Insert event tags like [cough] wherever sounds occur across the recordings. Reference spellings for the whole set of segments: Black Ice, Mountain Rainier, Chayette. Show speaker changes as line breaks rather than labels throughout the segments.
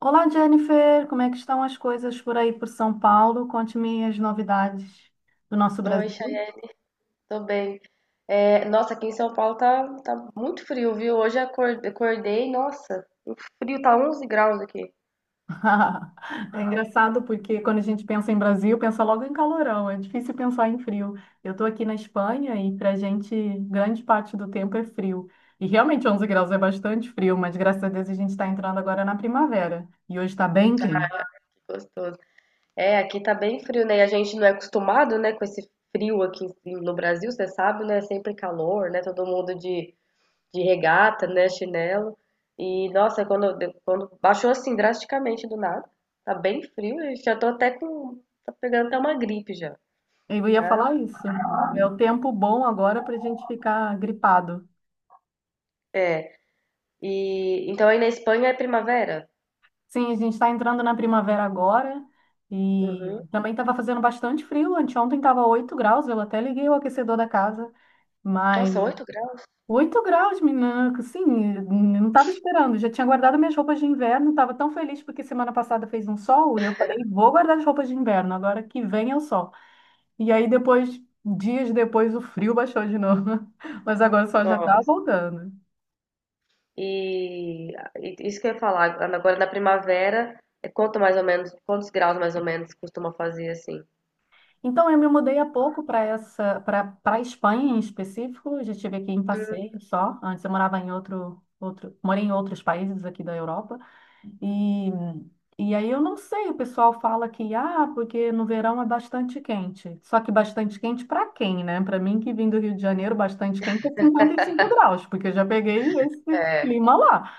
Olá, Jennifer, como é que estão as coisas por aí por São Paulo? Conte-me as novidades do nosso
Oi,
Brasil.
Chayette, tô bem. Nossa, aqui em São Paulo tá muito frio, viu? Hoje acordei, nossa, o frio tá 11 graus aqui.
[laughs] É engraçado porque quando a gente pensa em Brasil, pensa logo em calorão, é difícil pensar em frio. Eu estou aqui na Espanha e para a gente, grande parte do tempo é frio. E realmente 11 graus é bastante frio, mas graças a Deus a gente está entrando agora na primavera. E hoje está bem quente.
Gostoso. É, aqui tá bem frio, né? E a gente não é acostumado, né, com esse frio no Brasil, você sabe, né? Sempre calor, né? Todo mundo de regata, né? Chinelo. E, nossa, quando, quando baixou assim drasticamente do nada, tá bem frio, eu já tô até com. Tá pegando até uma gripe já,
Eu ia
tá?
falar isso. É o tempo bom agora para a gente ficar gripado.
É. E então aí na Espanha é primavera?
Sim, a gente está entrando na primavera agora e
Uhum.
também estava fazendo bastante frio. Anteontem estava 8 graus, eu até liguei o aquecedor da casa, mas
Nossa, 8 graus?
8 graus, menina, sim, não estava esperando. Já tinha guardado minhas roupas de inverno, estava tão feliz porque semana passada fez um sol e eu falei, vou guardar as roupas de inverno, agora que vem é o sol. E aí depois, dias depois, o frio baixou de novo, [laughs] mas agora o sol já está
Nossa.
voltando.
E, e isso que eu ia falar, agora na primavera, quanto mais ou menos, quantos graus mais ou menos costuma fazer assim?
Então, eu me mudei há pouco para essa, para a Espanha em específico. Já estive aqui em passeio só. Antes eu morava em outro, morei em outros países aqui da Europa. E, e aí eu não sei, o pessoal fala que ah, porque no verão é bastante quente. Só que bastante quente para quem, né? Para mim que vim do Rio de Janeiro, bastante quente é 55 graus, porque eu já peguei esse
É,
clima lá.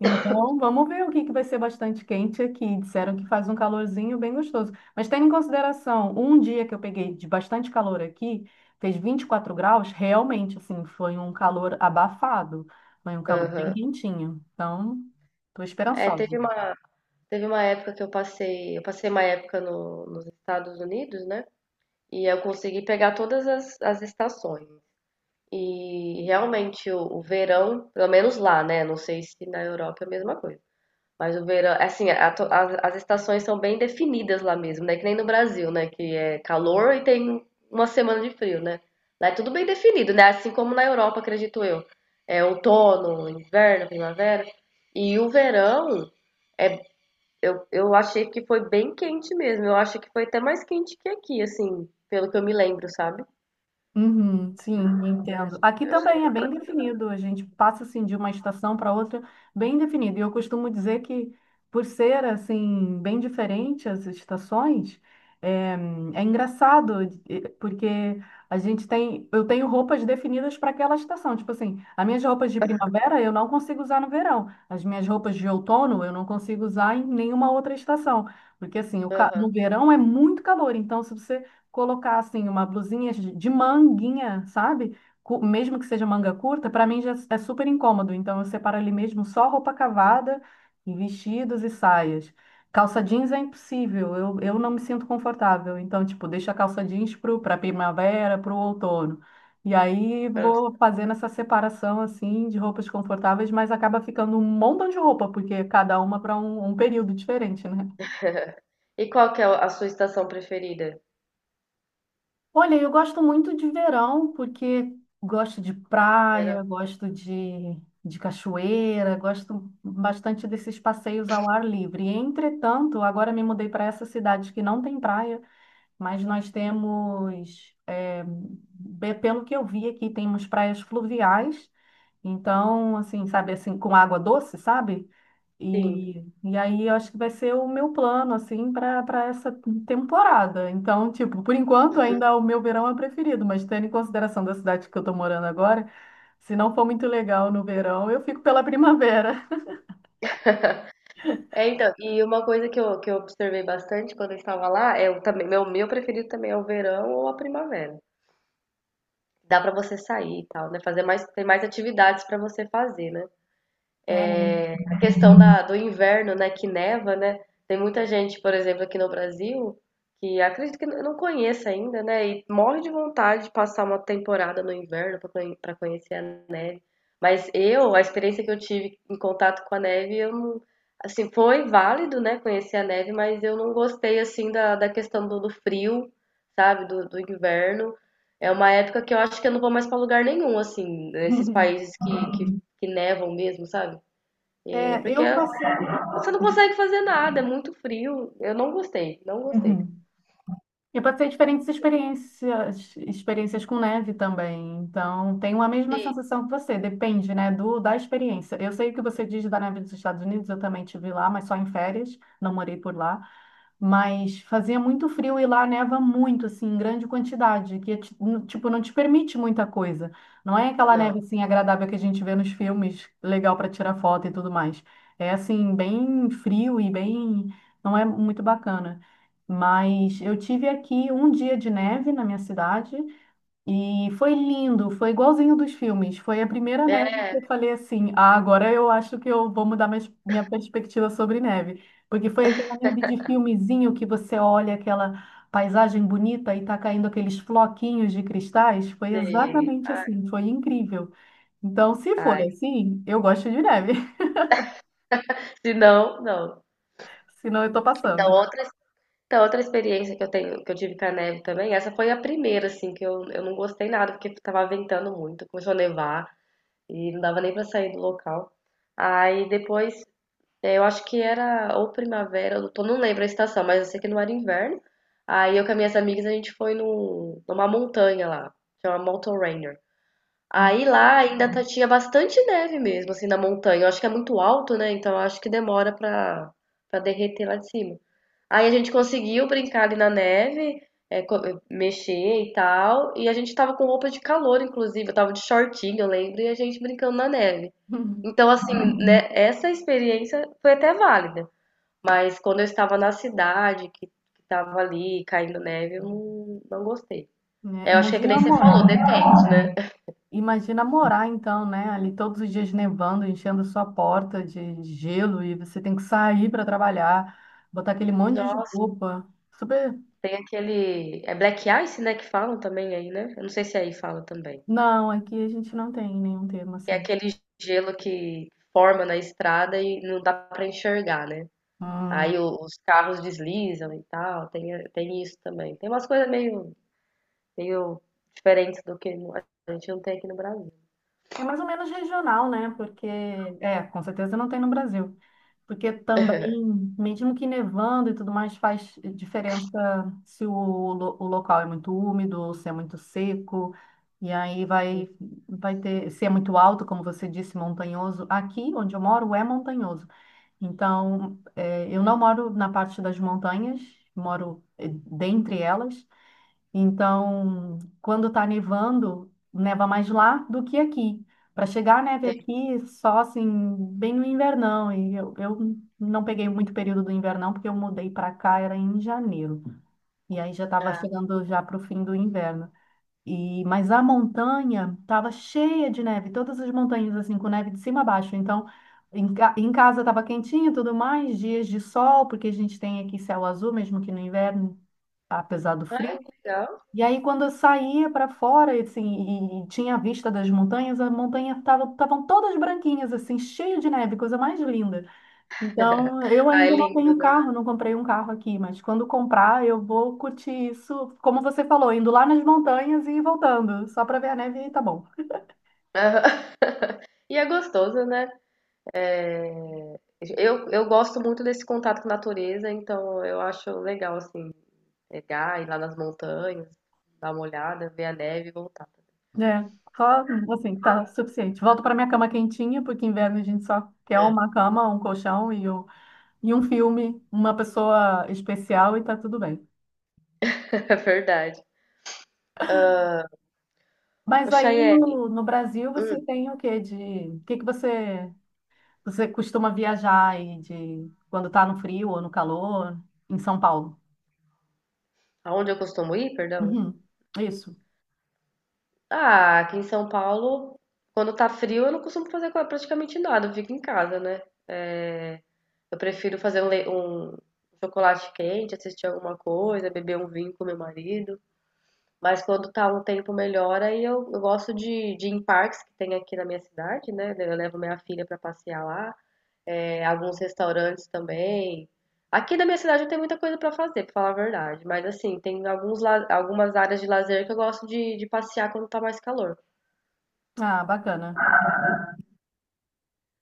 Então, vamos ver o que que vai ser bastante quente aqui. Disseram que faz um calorzinho bem gostoso. Mas tendo em consideração, um dia que eu peguei de bastante calor aqui, fez 24 graus, realmente, assim, foi um calor abafado. Foi um calor bem
aham.
quentinho. Então, estou
É,
esperançosa.
teve uma, teve uma época que eu eu passei uma época no, nos Estados Unidos, né? E eu consegui pegar todas as estações. E realmente o verão, pelo menos lá, né? Não sei se na Europa é a mesma coisa. Mas o verão, é assim, as estações são bem definidas lá mesmo, né? Que nem no Brasil, né? Que é calor e tem uma semana de frio, né? Lá é tudo bem definido, né? Assim como na Europa, acredito eu. É outono, inverno, primavera. E o verão, é, eu achei que foi bem quente mesmo. Eu acho que foi até mais quente que aqui, assim, pelo que eu me lembro, sabe?
Uhum, sim, entendo. Aqui
Eu achei
também é
que...
bem definido, a gente passa assim de uma estação para outra bem definido. E eu costumo dizer que por ser assim bem diferente as estações, é, é engraçado porque a gente tem, eu tenho roupas definidas para aquela estação. Tipo assim, as minhas roupas de primavera eu não consigo usar no verão, as minhas roupas de outono eu não consigo usar em nenhuma outra estação, porque assim,
Aham,
no verão é muito calor, então se você colocar assim uma blusinha de manguinha, sabe? Mesmo que seja manga curta, para mim já é super incômodo. Então eu separo ali mesmo só roupa cavada e vestidos e saias. Calça jeans é impossível, eu não me sinto confortável. Então, tipo, deixo a calça jeans para primavera, para o outono. E aí
pronto.
vou fazendo essa separação assim de roupas confortáveis, mas acaba ficando um montão de roupa, porque cada uma para um, um período diferente, né?
E qual que é a sua estação preferida?
Olha, eu gosto muito de verão, porque gosto de
Verão.
praia, gosto de cachoeira, gosto bastante desses passeios ao ar livre. Entretanto, agora me mudei para essa cidade que não tem praia, mas nós temos, pelo que eu vi aqui, temos praias fluviais. Então, assim, sabe, assim, com água doce, sabe?
Sim.
E aí eu acho que vai ser o meu plano, assim, para essa temporada. Então, tipo, por enquanto
Uhum.
ainda o meu verão é preferido, mas tendo em consideração da cidade que eu tô morando agora, se não for muito legal no verão, eu fico pela primavera.
É, então, e uma coisa que eu observei bastante quando eu estava lá é o também meu preferido também é o verão ou a primavera. Dá pra você sair e tal, né? Fazer mais tem mais atividades pra você fazer, né?
É.
A questão do inverno, né, que neva, né? Tem muita gente, por exemplo, aqui no Brasil, que acredito que não conheça ainda, né? E morre de vontade de passar uma temporada no inverno pra conhecer a. A experiência que eu tive em contato com a neve, eu não, assim, foi válido, né, conhecer a neve, mas eu não gostei assim da questão do frio, sabe, do inverno. É uma época que eu acho que eu não vou mais para lugar nenhum, assim, nesses
[laughs]
países que nevam mesmo, sabe? É
É,
porque
eu passei.
você não consegue fazer nada, é muito frio. Eu não gostei, não gostei.
Uhum. Eu passei diferentes experiências, experiências com neve também. Então, tenho a mesma sensação que você, depende, né, do da experiência. Eu sei o que você diz da neve dos Estados Unidos, eu também tive lá, mas só em férias, não morei por lá. Mas fazia muito frio e lá neva muito, assim, em grande quantidade, que, tipo, não te permite muita coisa. Não é aquela
Não.
neve, assim, agradável que a gente vê nos filmes, legal para tirar foto e tudo mais. É, assim, bem frio e bem... não é muito bacana. Mas eu tive aqui um dia de neve na minha cidade e foi lindo, foi igualzinho dos filmes. Foi a primeira neve que
É,
eu falei assim: ah, agora eu acho que eu vou mudar minha, minha perspectiva sobre neve. Porque foi aquela neve de filmezinho que você olha aquela paisagem bonita e tá caindo aqueles floquinhos de cristais. Foi
sei.
exatamente
Ai,
assim, foi incrível. Então, se for
ai.
assim, eu gosto de neve,
Se não, não.
[laughs] senão eu tô
Então,
passando.
outras então, outra experiência que eu tenho, que eu tive com a neve também, essa foi a primeira, assim, eu não gostei nada, porque tava ventando muito, começou a nevar e não dava nem pra sair do local. Aí depois, eu acho que era ou primavera, não lembro a estação, mas eu sei que não era inverno. Aí eu com as minhas amigas, a gente foi no, numa montanha lá, chama Mountain Rainier. Aí lá tinha bastante neve mesmo, assim, na montanha. Eu acho que é muito alto, né? Então eu acho que demora pra derreter lá de cima. Aí a gente conseguiu brincar ali na neve, mexer e tal. E a gente tava com roupa de calor, inclusive. Eu tava de shortinho, eu lembro, e a gente brincando na neve.
[laughs]
Então, assim, né, essa experiência foi até válida. Mas quando eu estava na cidade, que tava ali caindo neve, eu não, não gostei.
Né?
É, eu acho que é que nem você falou, depende, né?
Imagina morar então, né? Ali todos os dias nevando, enchendo sua porta de gelo e você tem que sair para trabalhar, botar aquele monte de
Nossa.
roupa. Super.
Tem aquele. É Black Ice, né? Que falam também aí, né? Eu não sei se aí fala também.
Não, aqui a gente não tem nenhum termo
Que é
assim.
aquele gelo que forma na estrada e não dá pra enxergar, né?
Hum.
Os carros deslizam e tal. Tem isso também. Tem umas coisas meio diferentes do que a gente não tem aqui no Brasil.
É mais ou menos regional, né? Porque, é, com certeza não tem no Brasil. Porque também,
[laughs]
mesmo que nevando e tudo mais, faz diferença se o, lo- o local é muito úmido, ou se é muito seco, e aí
Sim,
vai, vai ter, se é muito alto, como você disse, montanhoso. Aqui onde eu moro é montanhoso. Então, eu não moro na parte das montanhas, moro dentre elas, então, quando está nevando, neva mais lá do que aqui. Para chegar a neve
tem.
aqui, só assim, bem no invernão. E eu não peguei muito período do invernão, porque eu mudei para cá, era em janeiro. E aí já estava
Ah,
chegando já para o fim do inverno. E, mas a montanha estava cheia de neve, todas as montanhas assim, com neve de cima a baixo. Então, em casa estava quentinho e tudo mais, dias de sol, porque a gente tem aqui céu azul, mesmo que no inverno, apesar do
ah,
frio.
que legal.
E aí, quando eu saía para fora, e, assim, e tinha a vista das montanhas, as montanhas estavam todas branquinhas, assim, cheio de neve, coisa mais linda.
[laughs]
Então, eu
Ah, é
ainda não
lindo,
tenho
né?
carro, não comprei um carro aqui, mas quando comprar, eu vou curtir isso, como você falou, indo lá nas montanhas e voltando, só para ver a neve e tá bom.
Aham. [laughs] E é gostoso, né? É, eu gosto muito desse contato com a natureza, então eu acho legal, assim, pegar, ir lá nas montanhas, dar uma olhada, ver a neve e voltar.
É, só, assim, tá suficiente. Volto para minha cama quentinha, porque inverno a gente só quer
É,
uma cama, um colchão e um filme, uma pessoa especial e tá tudo bem.
[laughs] é verdade. Ô,
Mas aí
Chayane,
no Brasil você
hum,
tem o quê de, o que que você você costuma viajar aí de quando tá no frio ou no calor em São Paulo?
aonde eu costumo ir, perdão?
Uhum, isso.
Ah, aqui em São Paulo, quando tá frio, eu não costumo fazer praticamente nada, eu fico em casa, né? É, eu prefiro fazer um chocolate quente, assistir alguma coisa, beber um vinho com meu marido. Mas quando tá um tempo melhor, aí eu gosto de ir em parques que tem aqui na minha cidade, né? Eu levo minha filha pra passear lá, é, alguns restaurantes também. Aqui na minha cidade não tem muita coisa pra fazer, pra falar a verdade. Mas assim, tem alguns, algumas áreas de lazer que eu gosto de passear quando tá mais calor.
Ah, bacana.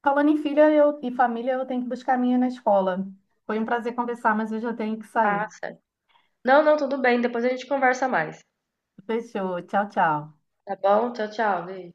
Falando em filha eu, e família, eu tenho que buscar a minha na escola. Foi um prazer conversar, mas eu já tenho que sair.
Ah, sério. Não, não, tudo bem. Depois a gente conversa mais.
Fechou. Tchau, tchau.
Tá bom? Tchau, tchau, beijo.